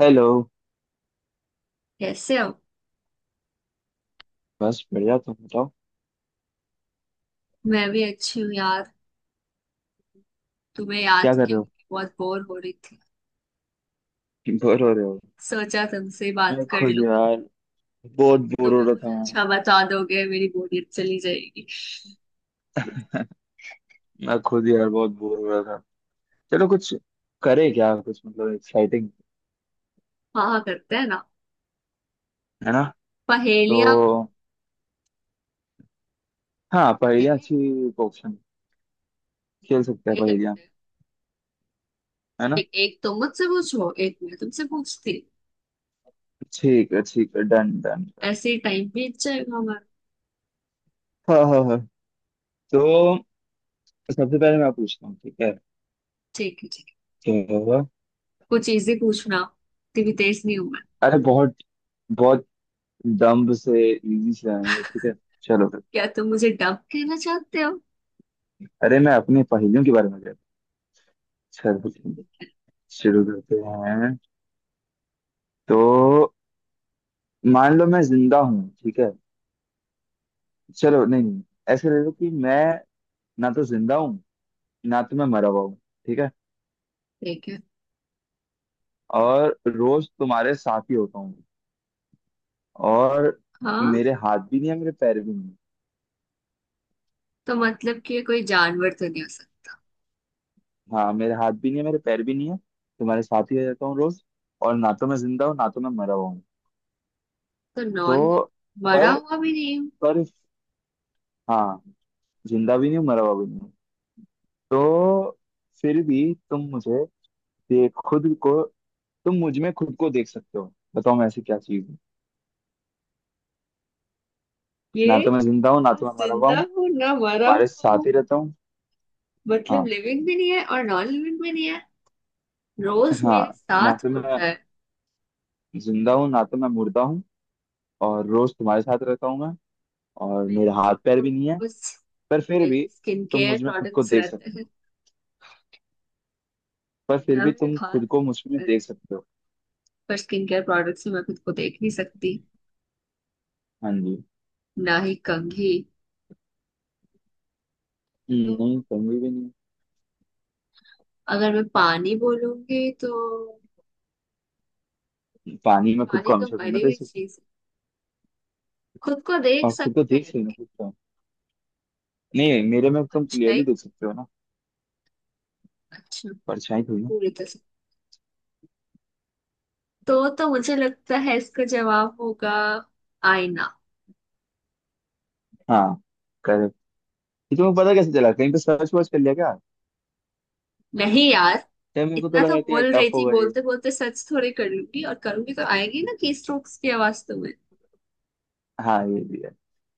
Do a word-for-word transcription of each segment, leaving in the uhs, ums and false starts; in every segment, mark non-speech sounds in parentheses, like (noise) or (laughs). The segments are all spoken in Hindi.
हेलो। कैसे हो? बस बढ़िया, तुम बताओ। मैं भी अच्छी हूँ यार। तुम्हें क्या याद कर किया रहे हो? कि बहुत बोर हो रही थी। बोर हो रहे हो? सोचा तुमसे मैं बात कर खुद लूं। यार बहुत बोर हो तुम्हें रहा था। कुछ मैं अच्छा बता दोगे मेरी बोरियत चली जाएगी। मैं खुद यार बहुत बोर हो रहा था। चलो कुछ करे क्या, कुछ मतलब एक्साइटिंग, हाँ हाँ, करते हैं ना। है ना? तो पहेलियाँ। हाँ, पहेलियाँ पहले अच्छी ऑप्शन, खेल सकते हैं वही पहेलियाँ, करते हैं। है ना। एक, एक तुम मुझसे पूछो एक मैं तुमसे पूछती ठीक है ठीक है, डन डन। हूँ। ऐसे ही टाइम बीत जाएगा हमारा। हाँ हाँ हाँ। तो सबसे पहले मैं पूछता हूँ, ठीक है? ठीक है ठीक है। तो कुछ इजी पूछना। इतनी भी तेज नहीं हूँ मैं। अरे बहुत बहुत दम्ब से इजी से आएंगे, ठीक है। चलो फिर। क्या तुम मुझे डब कहना चाहते हो? अरे मैं अपनी पहेलियों के बारे में कहता हूँ। चलो शुरू करते हैं। तो मान लो मैं जिंदा हूँ, ठीक है। चलो नहीं नहीं, ऐसे ले लो कि मैं ना तो जिंदा हूँ ना तो मैं मरा हुआ हूँ, ठीक है। ठीक है। और रोज तुम्हारे साथ ही होता हूँ। और हाँ, मेरे हाथ भी नहीं है, मेरे पैर भी नहीं है। तो मतलब कि ये कोई जानवर तो नहीं हो सकता। हाँ मेरे हाथ भी नहीं है, मेरे पैर भी नहीं है। तुम्हारे साथ ही रहता हूँ रोज। और ना तो मैं जिंदा हूँ ना तो मैं मरा हुआ हूँ। तो नॉन तो मरा पर हुआ भी नहीं हूँ। पर हाँ, जिंदा भी नहीं हूँ मरा हुआ भी नहीं हूँ। तो फिर भी तुम मुझे, ये खुद को, तुम मुझ में खुद को देख सकते हो। बताओ मैं ऐसी क्या चीज हूँ। ना ये तो मैं जिंदा हूँ ना ना तो मैं मरा हुआ जिंदा हूँ। हूँ ना मरा तुम्हारे हुआ साथ हूँ। ही रहता हूँ। मतलब हाँ। लिविंग भी नहीं है और नॉन लिविंग भी नहीं है। रोज हाँ मेरे ना साथ तो मैं होता है। जिंदा हूँ ना तो मैं मुर्दा हूँ। और रोज तुम्हारे साथ रहता हूँ मैं। और मेरे मेरे हाथ साथ पैर तो भी नहीं है। रोज पर फिर भी मेरे स्किन तुम केयर मुझ में खुद को प्रोडक्ट्स देख रहते सकते हैं। हो। पर फिर ना भी मेरे तुम खुद हाथ को मुझ में में- देख सकते हो। पर स्किन केयर प्रोडक्ट्स में मैं खुद को देख नहीं सकती, हाँ जी। ना ही कंघी। हम्म, तो नहीं, कमी भी नहीं। अगर मैं पानी बोलूंगी तो पानी में खुद को पानी तो हमेशा थोड़ी ना मरी देख हुई सकते हो। चीज है। खुद को और देख खुद को सकते देख हैं सकते हो ना, लेकिन खुद को। नहीं, मेरे में वो तुम अच्छा ही। क्लियरली देख सकते हो ना। अच्छा, परछाई थोड़ी ना। पूरी तरह। तो तो मुझे लगता है इसका जवाब होगा आईना। हाँ। ये तुम्हें पता कैसे चला, कहीं पे सर्च वर्च कर लिया क्या? नहीं यार। क्या, मेरे को तो इतना तो लगा कि यार बोल टफ रही थी, होगा ये। बोलते बोलते सर्च थोड़े कर लूंगी, और करूंगी तो आएगी ना की स्ट्रोक्स की आवाज तुम्हें। हाँ ये भी है।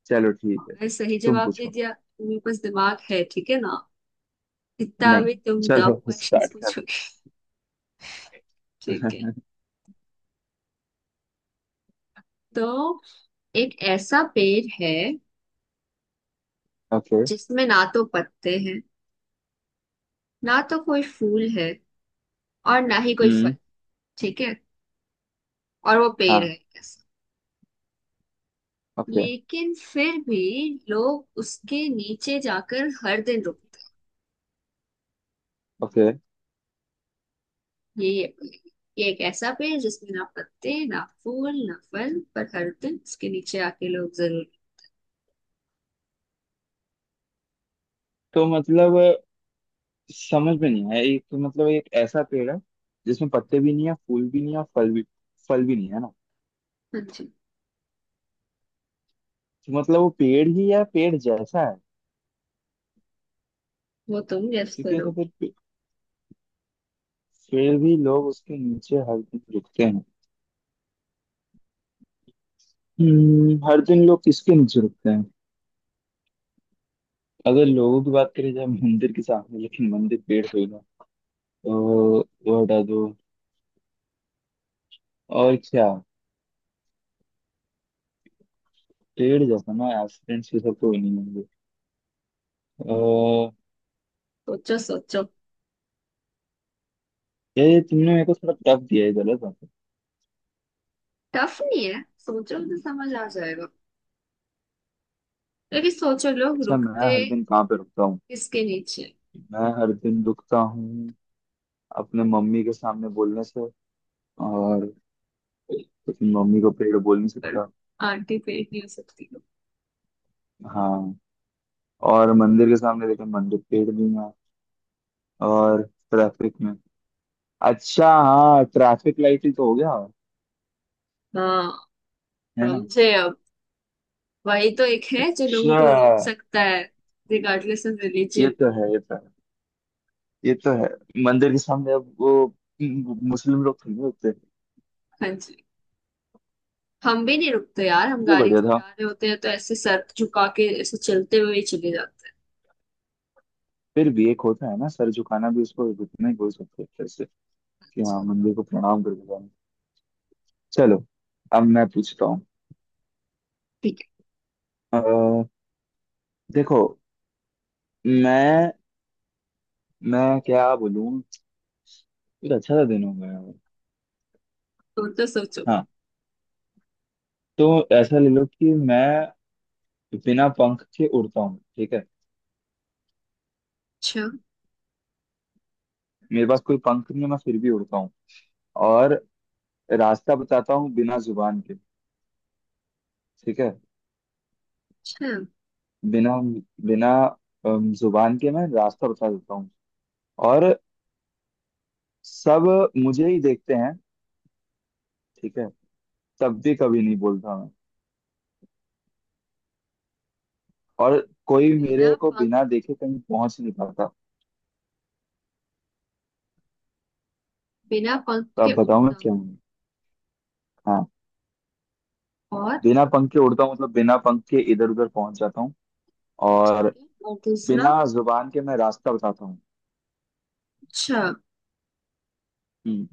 चलो ठीक मैं है, सही तुम जवाब दे पूछो। दिया, तुम्हें पास दिमाग है ठीक है ना। इतना नहीं, अभी तुम चलो डब क्वेश्चंस स्टार्ट कर। पूछोगे। ठीक है। (laughs) तो एक ऐसा पेड़ है ओके। जिसमें ना तो पत्ते हैं, ना तो कोई फूल है, और ना ही कोई फल। हम्म। ठीक है। और वो पेड़ हाँ। है, ओके। लेकिन फिर भी लोग उसके नीचे जाकर हर दिन रुकते ओके हैं। यही है पेड़। ये एक ऐसा पेड़ है जिसमें ना पत्ते ना फूल ना फल, पर हर दिन उसके नीचे आके लोग जरूर। तो मतलब समझ में नहीं आया। एक तो मतलब एक ऐसा पेड़ है जिसमें पत्ते भी नहीं है, फूल भी नहीं है और फल भी फल भी नहीं है ना। हाँ जी। तो मतलब वो पेड़ ही या पेड़ जैसा है? वो तुम गेस क्योंकि ये तो करो। फिर पे- फिर भी लोग उसके नीचे हर दिन रुकते हैं। हम्म, हर दिन लोग किसके नीचे रुकते हैं? अगर लोगों की बात करें जाए मंदिर के सामने, लेकिन मंदिर पेड़ कोई ना। तो वो हटा दो। और क्या, पेड़ जैसा ना, एक्सीडेंट्स ये सब कोई नहीं होंगे। अह, सोचो सोचो। ये तुमने मेरे को थोड़ा टफ दिया है, गलत बात है। टफ नहीं है, सोचो तो समझ आ जाएगा। लेकिन सोचो लोग अच्छा, मैं रुकते हर दिन कहाँ पे रुकता हूँ? किसके नीचे। मैं हर दिन रुकता हूँ अपने मम्मी के सामने बोलने से। और अपनी मम्मी को पेड़ बोल नहीं पर सकता। आंटी पेड़ नहीं हो सकती हो। हाँ। और मंदिर के सामने, लेकिन मंदिर पेड़ भी ना। और ट्रैफिक में, अच्छा हाँ ट्रैफिक लाइट ही तो हो गया, हाँ, है ना। समझे अब। वही तो एक है जो लोगों अच्छा को रोक सकता है। रिगार्डलेस ऑफ ये रिलीजन। तो है, ये तो है, ये तो है। मंदिर के सामने अब वो म- मुस्लिम लोग खड़े होते हैं। हाँ जी। हम भी नहीं रुकते यार, हम ये गाड़ी बढ़िया से था। जा रहे होते हैं तो ऐसे सर झुका के ऐसे चलते हुए ही चले जाते हैं। फिर भी एक होता है ना, सर झुकाना भी उसको उतना ही बोल सकते हैं फिर से, कि हाँ मंदिर को प्रणाम करके जाना। चलो अब मैं पूछता हूँ। ठीक है। अ, देखो, मैं मैं क्या बोलूँ। एक अच्छा सा दिन हो गया है। तो तो सोचो। हाँ तो ऐसा ले लो कि मैं बिना पंख के उड़ता हूँ, ठीक है। अच्छा मेरे पास कोई पंख नहीं है, मैं फिर भी उड़ता हूँ। और रास्ता बताता हूँ बिना जुबान के, ठीक है। अच्छा। बिना बिना अम, जुबान के मैं रास्ता बता देता हूँ। और सब मुझे ही देखते हैं, ठीक है। तब भी कभी नहीं बोलता मैं। और कोई बिना मेरे को पंख, बिना देखे कहीं पहुंच नहीं पाता। बिना पंख तो के अब बताओ मैं उड़ता हूँ, क्या हूँ। हाँ, और बिना पंख के उड़ता हूँ मतलब बिना पंख के इधर उधर पहुंच जाता हूँ। ठीक और है। और दूसरा बिना जुबान के मैं रास्ता बताता हूँ। अच्छा। हम्म,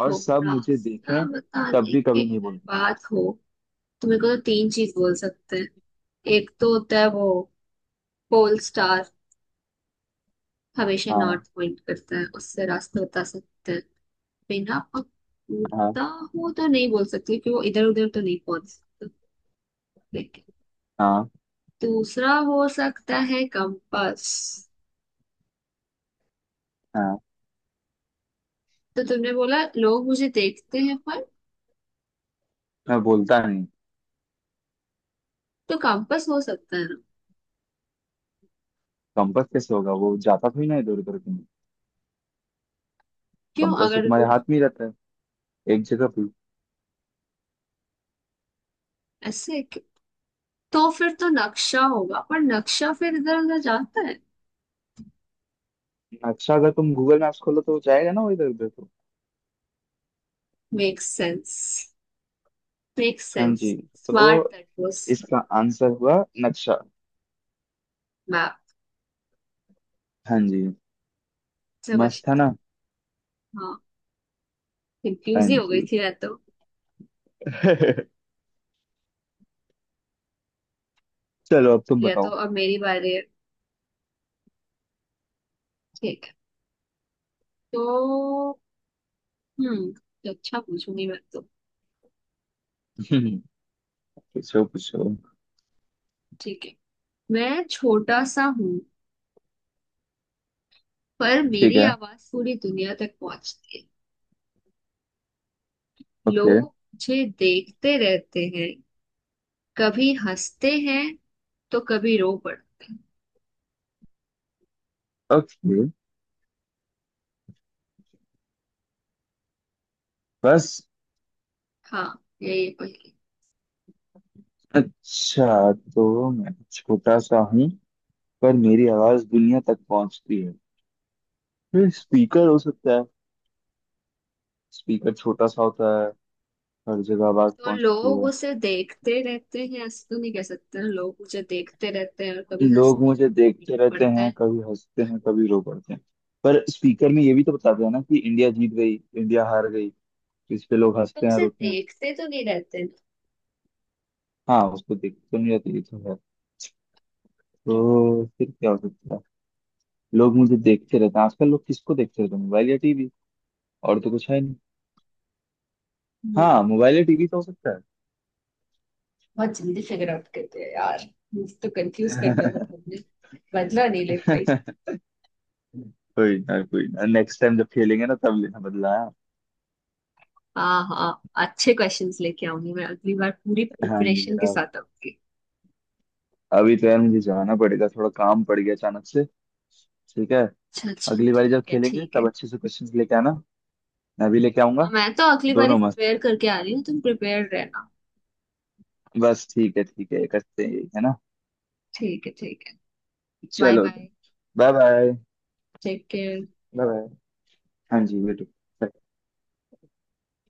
और सब मुझे रास्ता देखें, तब बताने भी के कभी नहीं अगर बोलता। बात हो तो मेरे को तो तीन चीज बोल सकते हैं। एक तो होता है वो पोल स्टार, हमेशा हाँ। नॉर्थ पॉइंट करता है, उससे रास्ता बता सकते हैं। बिना हाँ। पकड़ता हो तो नहीं बोल सकती कि वो इधर उधर तो नहीं पहुंच सकते। हाँ। दूसरा हो सकता है कंपास। हाँ। तो तुमने बोला लोग मुझे देखते हैं पर। मैं बोलता नहीं। तो कंपास हो सकता है ना। कंपास कैसे होगा, वो जाता थोड़ी ना इधर उधर कहीं। क्यों कंपास तो अगर तुम्हारे लोग हाथ में ही रहता है, एक जगह पे। ऐसे क्यों? तो फिर तो नक्शा होगा, पर नक्शा फिर इधर उधर जाता है। अच्छा, अगर तुम गूगल मैप्स खोलो तो जाएगा ना वो इधर उधर, तो। मेक सेंस, मेक हाँ सेंस। जी। स्मार्ट तो दैट वाज। इसका आंसर हुआ नक्शा। मैप। हाँ जी। सब। मस्त था ना। हाँ। हाँ कंफ्यूज ही हो गई जी। थी या तो। (laughs) चलो अब तुम या तो बताओ। अब मेरी बारी है। ठीक है। तो हम्म तो अच्छा पूछूंगी मैं तो। (laughs) पूछो पूछो। ठीक है। मैं छोटा सा हूँ, पर ठीक मेरी है। आवाज पूरी दुनिया तक पहुंचती है। ओके। लोग मुझे देखते रहते हैं, कभी हंसते हैं तो कभी रो पड़ते हैं। ओके। बस। हाँ, यही है पहली। अच्छा तो मैं छोटा सा हूँ पर मेरी आवाज दुनिया तक पहुंचती है, फिर स्पीकर हो सकता है। स्पीकर छोटा सा होता है, हर जगह आवाज तो पहुंचती लोग है। उसे देखते रहते हैं ऐसे तो नहीं कह सकते ना, लोग मुझे देखते रहते हैं और कभी लोग हंसते मुझे हैं रो देखते रहते पड़ते हैं, हैं। कभी हंसते हैं कभी रो पड़ते हैं। पर स्पीकर में ये भी तो बताते हैं ना कि इंडिया जीत गई, इंडिया हार गई। तो इस पे लोग तो हंसते हैं उसे रोते हैं। देखते तो नहीं रहते ना। हाँ उसको देखते तो नहीं रहते, ये तो है। तो फिर क्या हो सकता है? लोग मुझे देखते रहते हैं, आजकल लोग किसको देखते रहते हैं, मोबाइल या टीवी। और तो कुछ है नहीं। हम्म। हाँ मोबाइल या टीवी तो हो सकता बहुत जल्दी फिगर आउट करते हैं यार। मुझे तो कंफ्यूज कर दिया था है। तुमने। बदला नहीं ले (laughs) पाई। कोई ना, कोई ना, नेक्स्ट टाइम जब खेलेंगे ना, तब लेना बदला। हाँ हाँ, अच्छे क्वेश्चंस लेके आऊंगी, मैं अगली बार पूरी हाँ जी प्रिपरेशन के हाँ। साथ आऊंगी। अभी तो यार मुझे जाना पड़ेगा, थोड़ा काम पड़ गया अचानक से। ठीक है। अच्छा अच्छा, अगली बारी जब ठीक है खेलेंगे ठीक है। तब अच्छे से क्वेश्चंस लेके आना, मैं भी लेके हाँ, आऊंगा। मैं तो अगली बार ही दोनों मस्त। प्रिपेयर करके आ रही हूँ, तुम प्रिपेयर रहना। बस ठीक है ठीक है, करते हैं यही, है ना। ठीक है ठीक है। बाय चलो bye. Bye bye. Take care. Bye bye. हाँ जी बेटू।